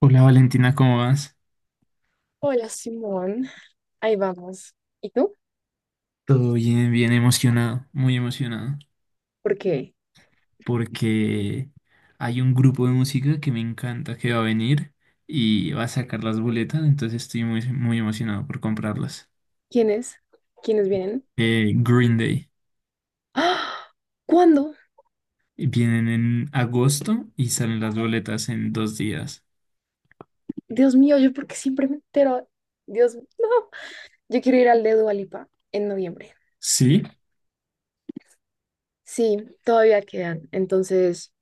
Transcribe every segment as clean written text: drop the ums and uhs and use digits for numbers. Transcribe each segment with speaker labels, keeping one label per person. Speaker 1: Hola Valentina, ¿cómo vas?
Speaker 2: Hola Simón, ahí vamos. ¿Y tú?
Speaker 1: Todo bien, bien emocionado, muy emocionado,
Speaker 2: ¿Por qué?
Speaker 1: porque hay un grupo de música que me encanta que va a venir y va a sacar las boletas, entonces estoy muy, muy emocionado por comprarlas.
Speaker 2: ¿Quiénes? ¿Quiénes vienen?
Speaker 1: Green Day.
Speaker 2: ¡Ah! ¿Cuándo?
Speaker 1: Vienen en agosto y salen las boletas en 2 días.
Speaker 2: Dios mío, yo porque siempre me entero. Dios, no. Yo quiero ir al de Dua Lipa en noviembre.
Speaker 1: ¿Sí?
Speaker 2: Sí, todavía quedan. Entonces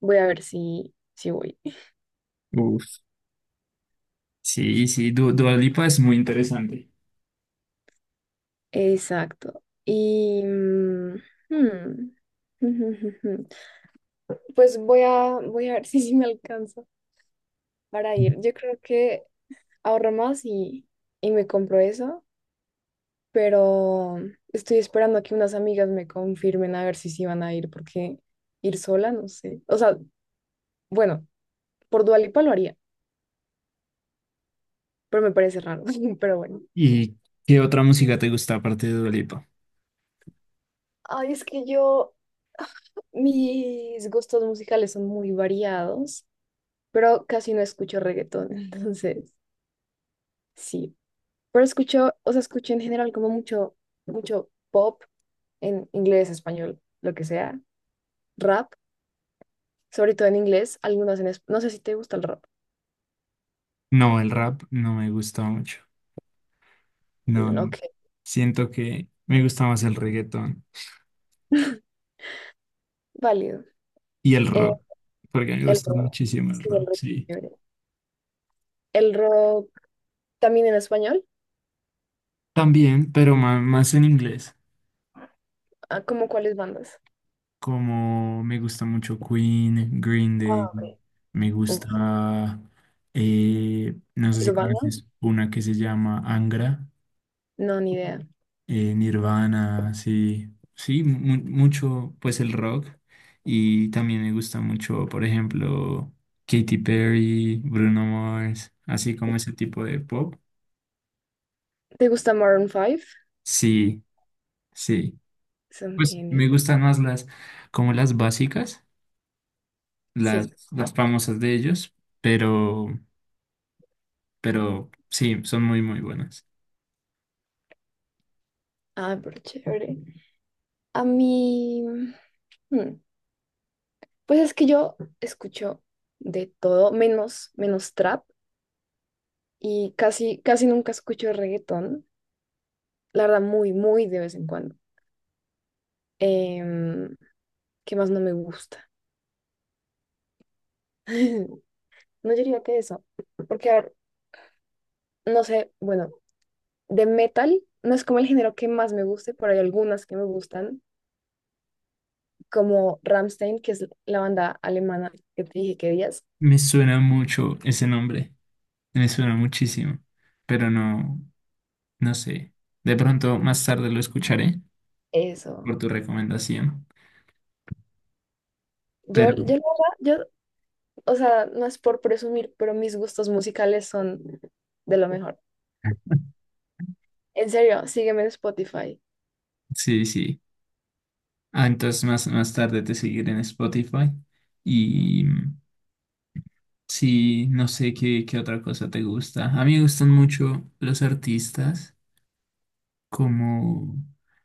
Speaker 2: voy a ver si voy.
Speaker 1: Uf. Sí, sí, Du Dua Lipa es muy interesante.
Speaker 2: Exacto. Hmm, Pues voy a ver si me alcanza para
Speaker 1: Ujú.
Speaker 2: ir. Yo creo que ahorro más y me compro eso. Pero estoy esperando a que unas amigas me confirmen a ver si sí van a ir, porque ir sola, no sé. O sea, bueno, por Dua Lipa lo haría, pero me parece raro, pero bueno.
Speaker 1: ¿Y qué otra música te gusta aparte de Dua Lipa?
Speaker 2: Ay, es que mis gustos musicales son muy variados, pero casi no escucho reggaetón, entonces sí. Pero escucho, o sea, escucho en general como mucho, mucho pop en inglés, español, lo que sea, rap, sobre todo en inglés, algunas en. No sé si te gusta el rap.
Speaker 1: No, el rap no me gusta mucho. No,
Speaker 2: Mm,
Speaker 1: no.
Speaker 2: ok.
Speaker 1: Siento que me gusta más el reggaetón
Speaker 2: Válido.
Speaker 1: y el
Speaker 2: Eh,
Speaker 1: rock, porque me
Speaker 2: el
Speaker 1: gusta
Speaker 2: rock.
Speaker 1: muchísimo el
Speaker 2: Sí, el
Speaker 1: rock,
Speaker 2: rock es
Speaker 1: sí.
Speaker 2: chévere. El rock también en español.
Speaker 1: También, pero más, en inglés,
Speaker 2: Ah, ¿cómo cuáles bandas?
Speaker 1: como me gusta mucho Queen, Green Day,
Speaker 2: Ah, ok.
Speaker 1: me
Speaker 2: Uf,
Speaker 1: gusta, no sé si
Speaker 2: Nirvana.
Speaker 1: conoces una que se llama Angra.
Speaker 2: No, ni idea.
Speaker 1: Nirvana, sí, sí, mucho, pues el rock. Y también me gusta mucho, por ejemplo, Katy Perry, Bruno Mars, así como ese tipo de pop.
Speaker 2: ¿Te gusta Maroon 5?
Speaker 1: Sí, sí.
Speaker 2: Son
Speaker 1: Pues
Speaker 2: genios.
Speaker 1: me gustan más como las básicas,
Speaker 2: Sí.
Speaker 1: las famosas de ellos, pero, pero sí, son muy, muy buenas.
Speaker 2: Ah, pero chévere. A mí. hmm, Pues es que yo escucho de todo, menos trap. Y casi, casi nunca escucho reggaetón. La verdad, muy, muy de vez en cuando. Em, ¿Qué más no me gusta? No, yo diría que eso. Porque, a ver, no sé, bueno, de metal no es como el género que más me guste, pero hay algunas que me gustan, como Rammstein, que es la banda alemana que te dije que días.
Speaker 1: Me suena mucho ese nombre, me suena muchísimo, pero no, no sé. De pronto más tarde lo escucharé
Speaker 2: Eso.
Speaker 1: por tu recomendación.
Speaker 2: Yo,
Speaker 1: Pero
Speaker 2: la verdad, yo, o sea, no es por presumir, pero mis gustos musicales son de lo mejor. En serio, sígueme en Spotify.
Speaker 1: sí, sí. Ah, entonces más, más tarde te seguiré en Spotify. Y sí, no sé qué, qué otra cosa te gusta. A mí me gustan mucho los artistas como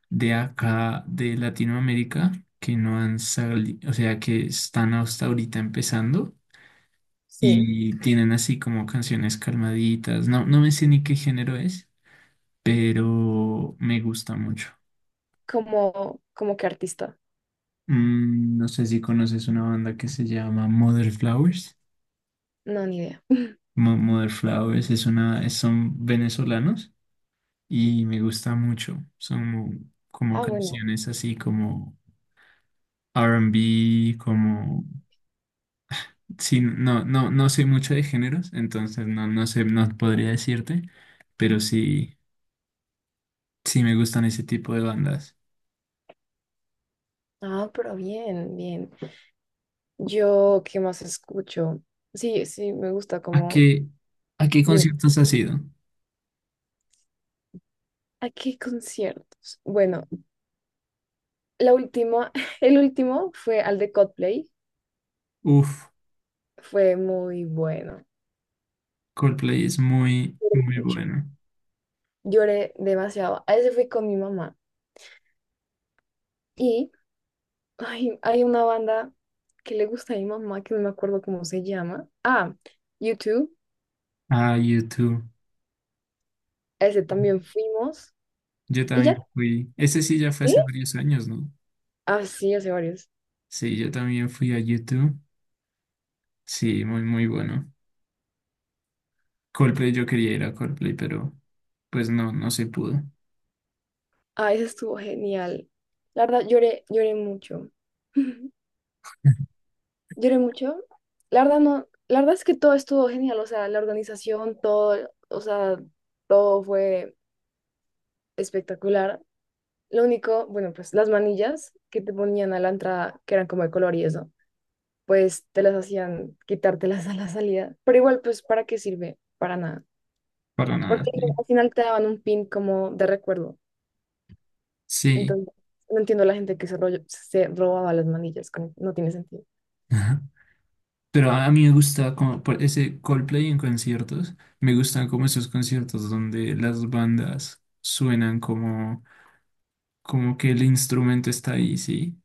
Speaker 1: de acá, de Latinoamérica, que no han salido, o sea, que están hasta ahorita empezando
Speaker 2: Sí,
Speaker 1: y tienen así como canciones calmaditas. No, no me sé ni qué género es, pero me gusta mucho.
Speaker 2: como que artista.
Speaker 1: No sé si conoces una banda que se llama Mother Flowers.
Speaker 2: No, ni idea.
Speaker 1: Mother Flowers es son venezolanos y me gusta mucho. Son como
Speaker 2: Ah, bueno.
Speaker 1: canciones así como R and B, como... Sí, no, no, no sé mucho de géneros, entonces no, no sé, no podría decirte, pero sí, sí me gustan ese tipo de bandas.
Speaker 2: Ah, pero bien, bien. Yo, ¿qué más escucho? Sí, sí, me gusta
Speaker 1: ¿A
Speaker 2: como,
Speaker 1: qué, a qué
Speaker 2: dime,
Speaker 1: conciertos has ido?
Speaker 2: ¿a qué conciertos? Bueno, la última, el último fue al de Coldplay,
Speaker 1: Uf,
Speaker 2: fue muy bueno,
Speaker 1: Coldplay es muy,
Speaker 2: lloré
Speaker 1: muy
Speaker 2: mucho,
Speaker 1: bueno.
Speaker 2: lloré demasiado. A ese fui con mi mamá y ay, hay una banda que le gusta a mi mamá, que no me acuerdo cómo se llama. Ah, YouTube,
Speaker 1: Ah, YouTube.
Speaker 2: a ese también fuimos
Speaker 1: Yo
Speaker 2: y
Speaker 1: también
Speaker 2: ya.
Speaker 1: fui, ese sí ya fue hace
Speaker 2: ¿Sí?
Speaker 1: varios años, ¿no?
Speaker 2: Ah, sí, hace varios.
Speaker 1: Sí, yo también fui a YouTube. Sí, muy, muy bueno. Coldplay, yo quería ir a Coldplay, pero pues no, no se pudo.
Speaker 2: Ah, ese estuvo genial. La verdad, lloré mucho. Lloré mucho. La verdad no, la verdad es que todo estuvo genial, o sea, la organización, todo, o sea, todo fue espectacular. Lo único, bueno, pues las manillas que te ponían a la entrada, que eran como de color y eso, pues te las hacían quitártelas a la salida. Pero igual, pues, ¿para qué sirve? Para nada.
Speaker 1: Para nada,
Speaker 2: Porque
Speaker 1: sí.
Speaker 2: al final te daban un pin como de recuerdo.
Speaker 1: Sí.
Speaker 2: Entonces, no entiendo la gente que se robaba las manillas, no tiene sentido.
Speaker 1: Ajá. Pero a mí me gusta como por ese Coldplay en conciertos. Me gustan como esos conciertos donde las bandas suenan como, como que el instrumento está ahí, sí.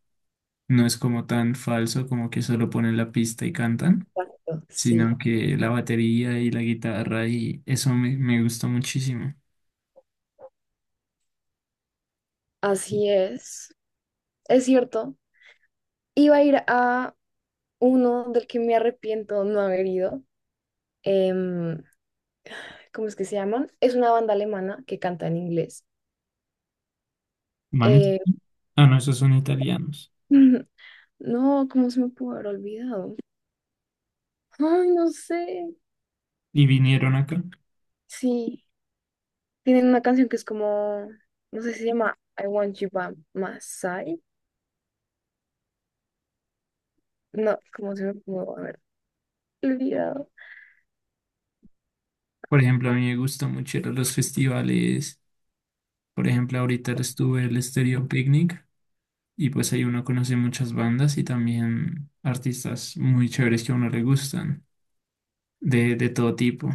Speaker 1: No es como tan falso, como que solo ponen la pista y cantan,
Speaker 2: Exacto.
Speaker 1: sino
Speaker 2: Sí,
Speaker 1: que la batería y la guitarra y eso me, me gustó muchísimo.
Speaker 2: así es. Es cierto. Iba a ir a uno del que me arrepiento no haber ido. em, ¿Cómo es que se llaman? Es una banda alemana que canta en inglés.
Speaker 1: Manes,
Speaker 2: Eh,
Speaker 1: ah, no, esos son italianos
Speaker 2: no, ¿cómo se me pudo haber olvidado? Ay, no sé.
Speaker 1: y vinieron acá.
Speaker 2: Sí, tienen una canción que es como, no sé si se llama I Want You By My Side. No, ¿cómo se me pudo haber olvidado?
Speaker 1: Por ejemplo, a mí me gusta mucho ir a los festivales. Por ejemplo, ahorita estuve el Stereo Picnic y pues ahí uno conoce muchas bandas y también artistas muy chéveres que a uno le gustan, de todo tipo.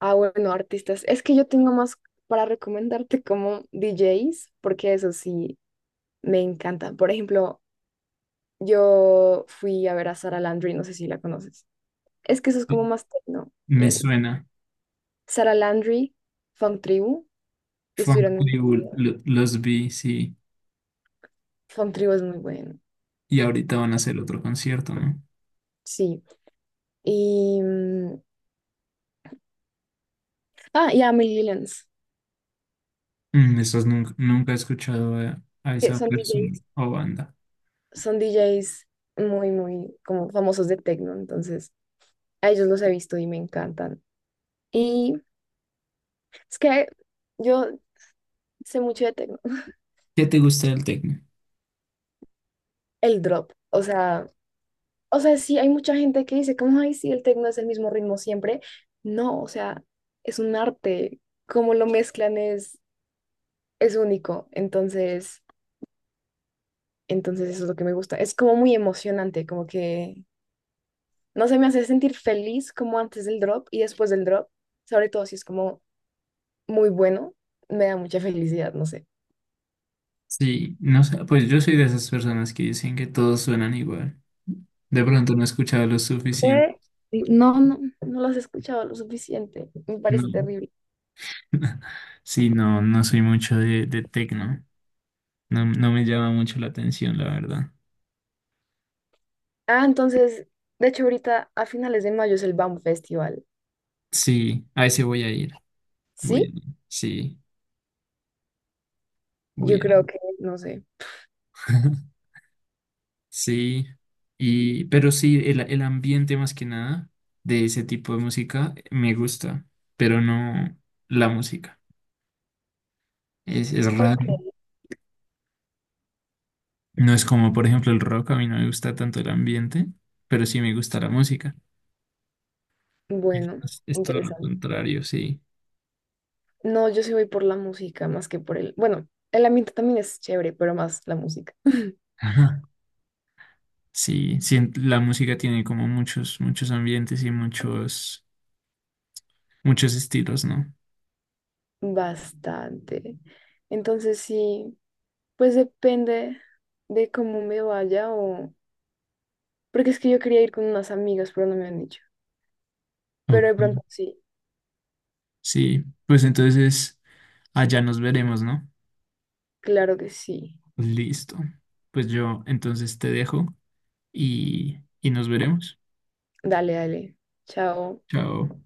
Speaker 2: Ah, bueno, artistas. Es que yo tengo más para recomendarte como DJs, porque eso sí me encantan. Por ejemplo, yo fui a ver a Sara Landry, no sé si la conoces. Es que eso es como
Speaker 1: Sí.
Speaker 2: más techno y
Speaker 1: Me
Speaker 2: así.
Speaker 1: suena.
Speaker 2: Sara Landry, Fun Tribu, que
Speaker 1: Funk
Speaker 2: estuvieron en la
Speaker 1: Tribu,
Speaker 2: universidad.
Speaker 1: los vi, sí.
Speaker 2: Fun Tribu es muy bueno,
Speaker 1: Y ahorita van a hacer otro concierto, ¿no?
Speaker 2: sí. Y. mm, Ah, y Amelie Lillens,
Speaker 1: Esos nunca, nunca he escuchado a
Speaker 2: que
Speaker 1: esa
Speaker 2: son
Speaker 1: persona
Speaker 2: DJs,
Speaker 1: o banda.
Speaker 2: son DJs muy, muy como famosos de techno, entonces a ellos los he visto y me encantan. Y es que yo sé mucho de techno.
Speaker 1: ¿Qué te gusta del tecno?
Speaker 2: El drop, o sea. O sea, sí, hay mucha gente que dice, como, ay, sí, el tecno es el mismo ritmo siempre. No, o sea, es un arte. Cómo lo mezclan es único. Entonces, eso es lo que me gusta. Es como muy emocionante, como que, no sé, me hace sentir feliz como antes del drop y después del drop. Sobre todo si es como muy bueno, me da mucha felicidad, no sé.
Speaker 1: Sí, no sé, pues yo soy de esas personas que dicen que todos suenan igual. De pronto no he escuchado lo suficiente.
Speaker 2: Eh, No, no. No lo has escuchado lo suficiente. Me parece
Speaker 1: No.
Speaker 2: terrible.
Speaker 1: Sí, no, no soy mucho de tecno. No, no me llama mucho la atención, la verdad.
Speaker 2: Ah, entonces, de hecho, ahorita a finales de mayo es el BAM Festival.
Speaker 1: Sí, a ese voy a ir. Voy a
Speaker 2: ¿Sí?
Speaker 1: ir. Sí, voy
Speaker 2: Yo
Speaker 1: a
Speaker 2: creo
Speaker 1: ir.
Speaker 2: que, no sé.
Speaker 1: Sí, y, pero sí, el ambiente más que nada de ese tipo de música me gusta, pero no la música. Es
Speaker 2: Ok.
Speaker 1: raro. No es como, por ejemplo, el rock, a mí no me gusta tanto el ambiente, pero sí me gusta la música.
Speaker 2: Bueno,
Speaker 1: Es todo lo
Speaker 2: interesante.
Speaker 1: contrario, sí.
Speaker 2: No, yo sí voy por la música más que por el. Bueno, el ambiente también es chévere, pero más la música.
Speaker 1: Ajá. Sí, sí, en- la música tiene como muchos, muchos ambientes y muchos, muchos estilos, ¿no?
Speaker 2: Bastante. Entonces sí, pues depende de cómo me vaya o. Porque es que yo quería ir con unas amigas, pero no me han dicho. Pero de pronto
Speaker 1: Ok.
Speaker 2: sí,
Speaker 1: Sí, pues entonces allá nos veremos, ¿no?
Speaker 2: claro que sí.
Speaker 1: Listo. Pues yo entonces te dejo y nos veremos.
Speaker 2: Dale, dale. Chao.
Speaker 1: Chao.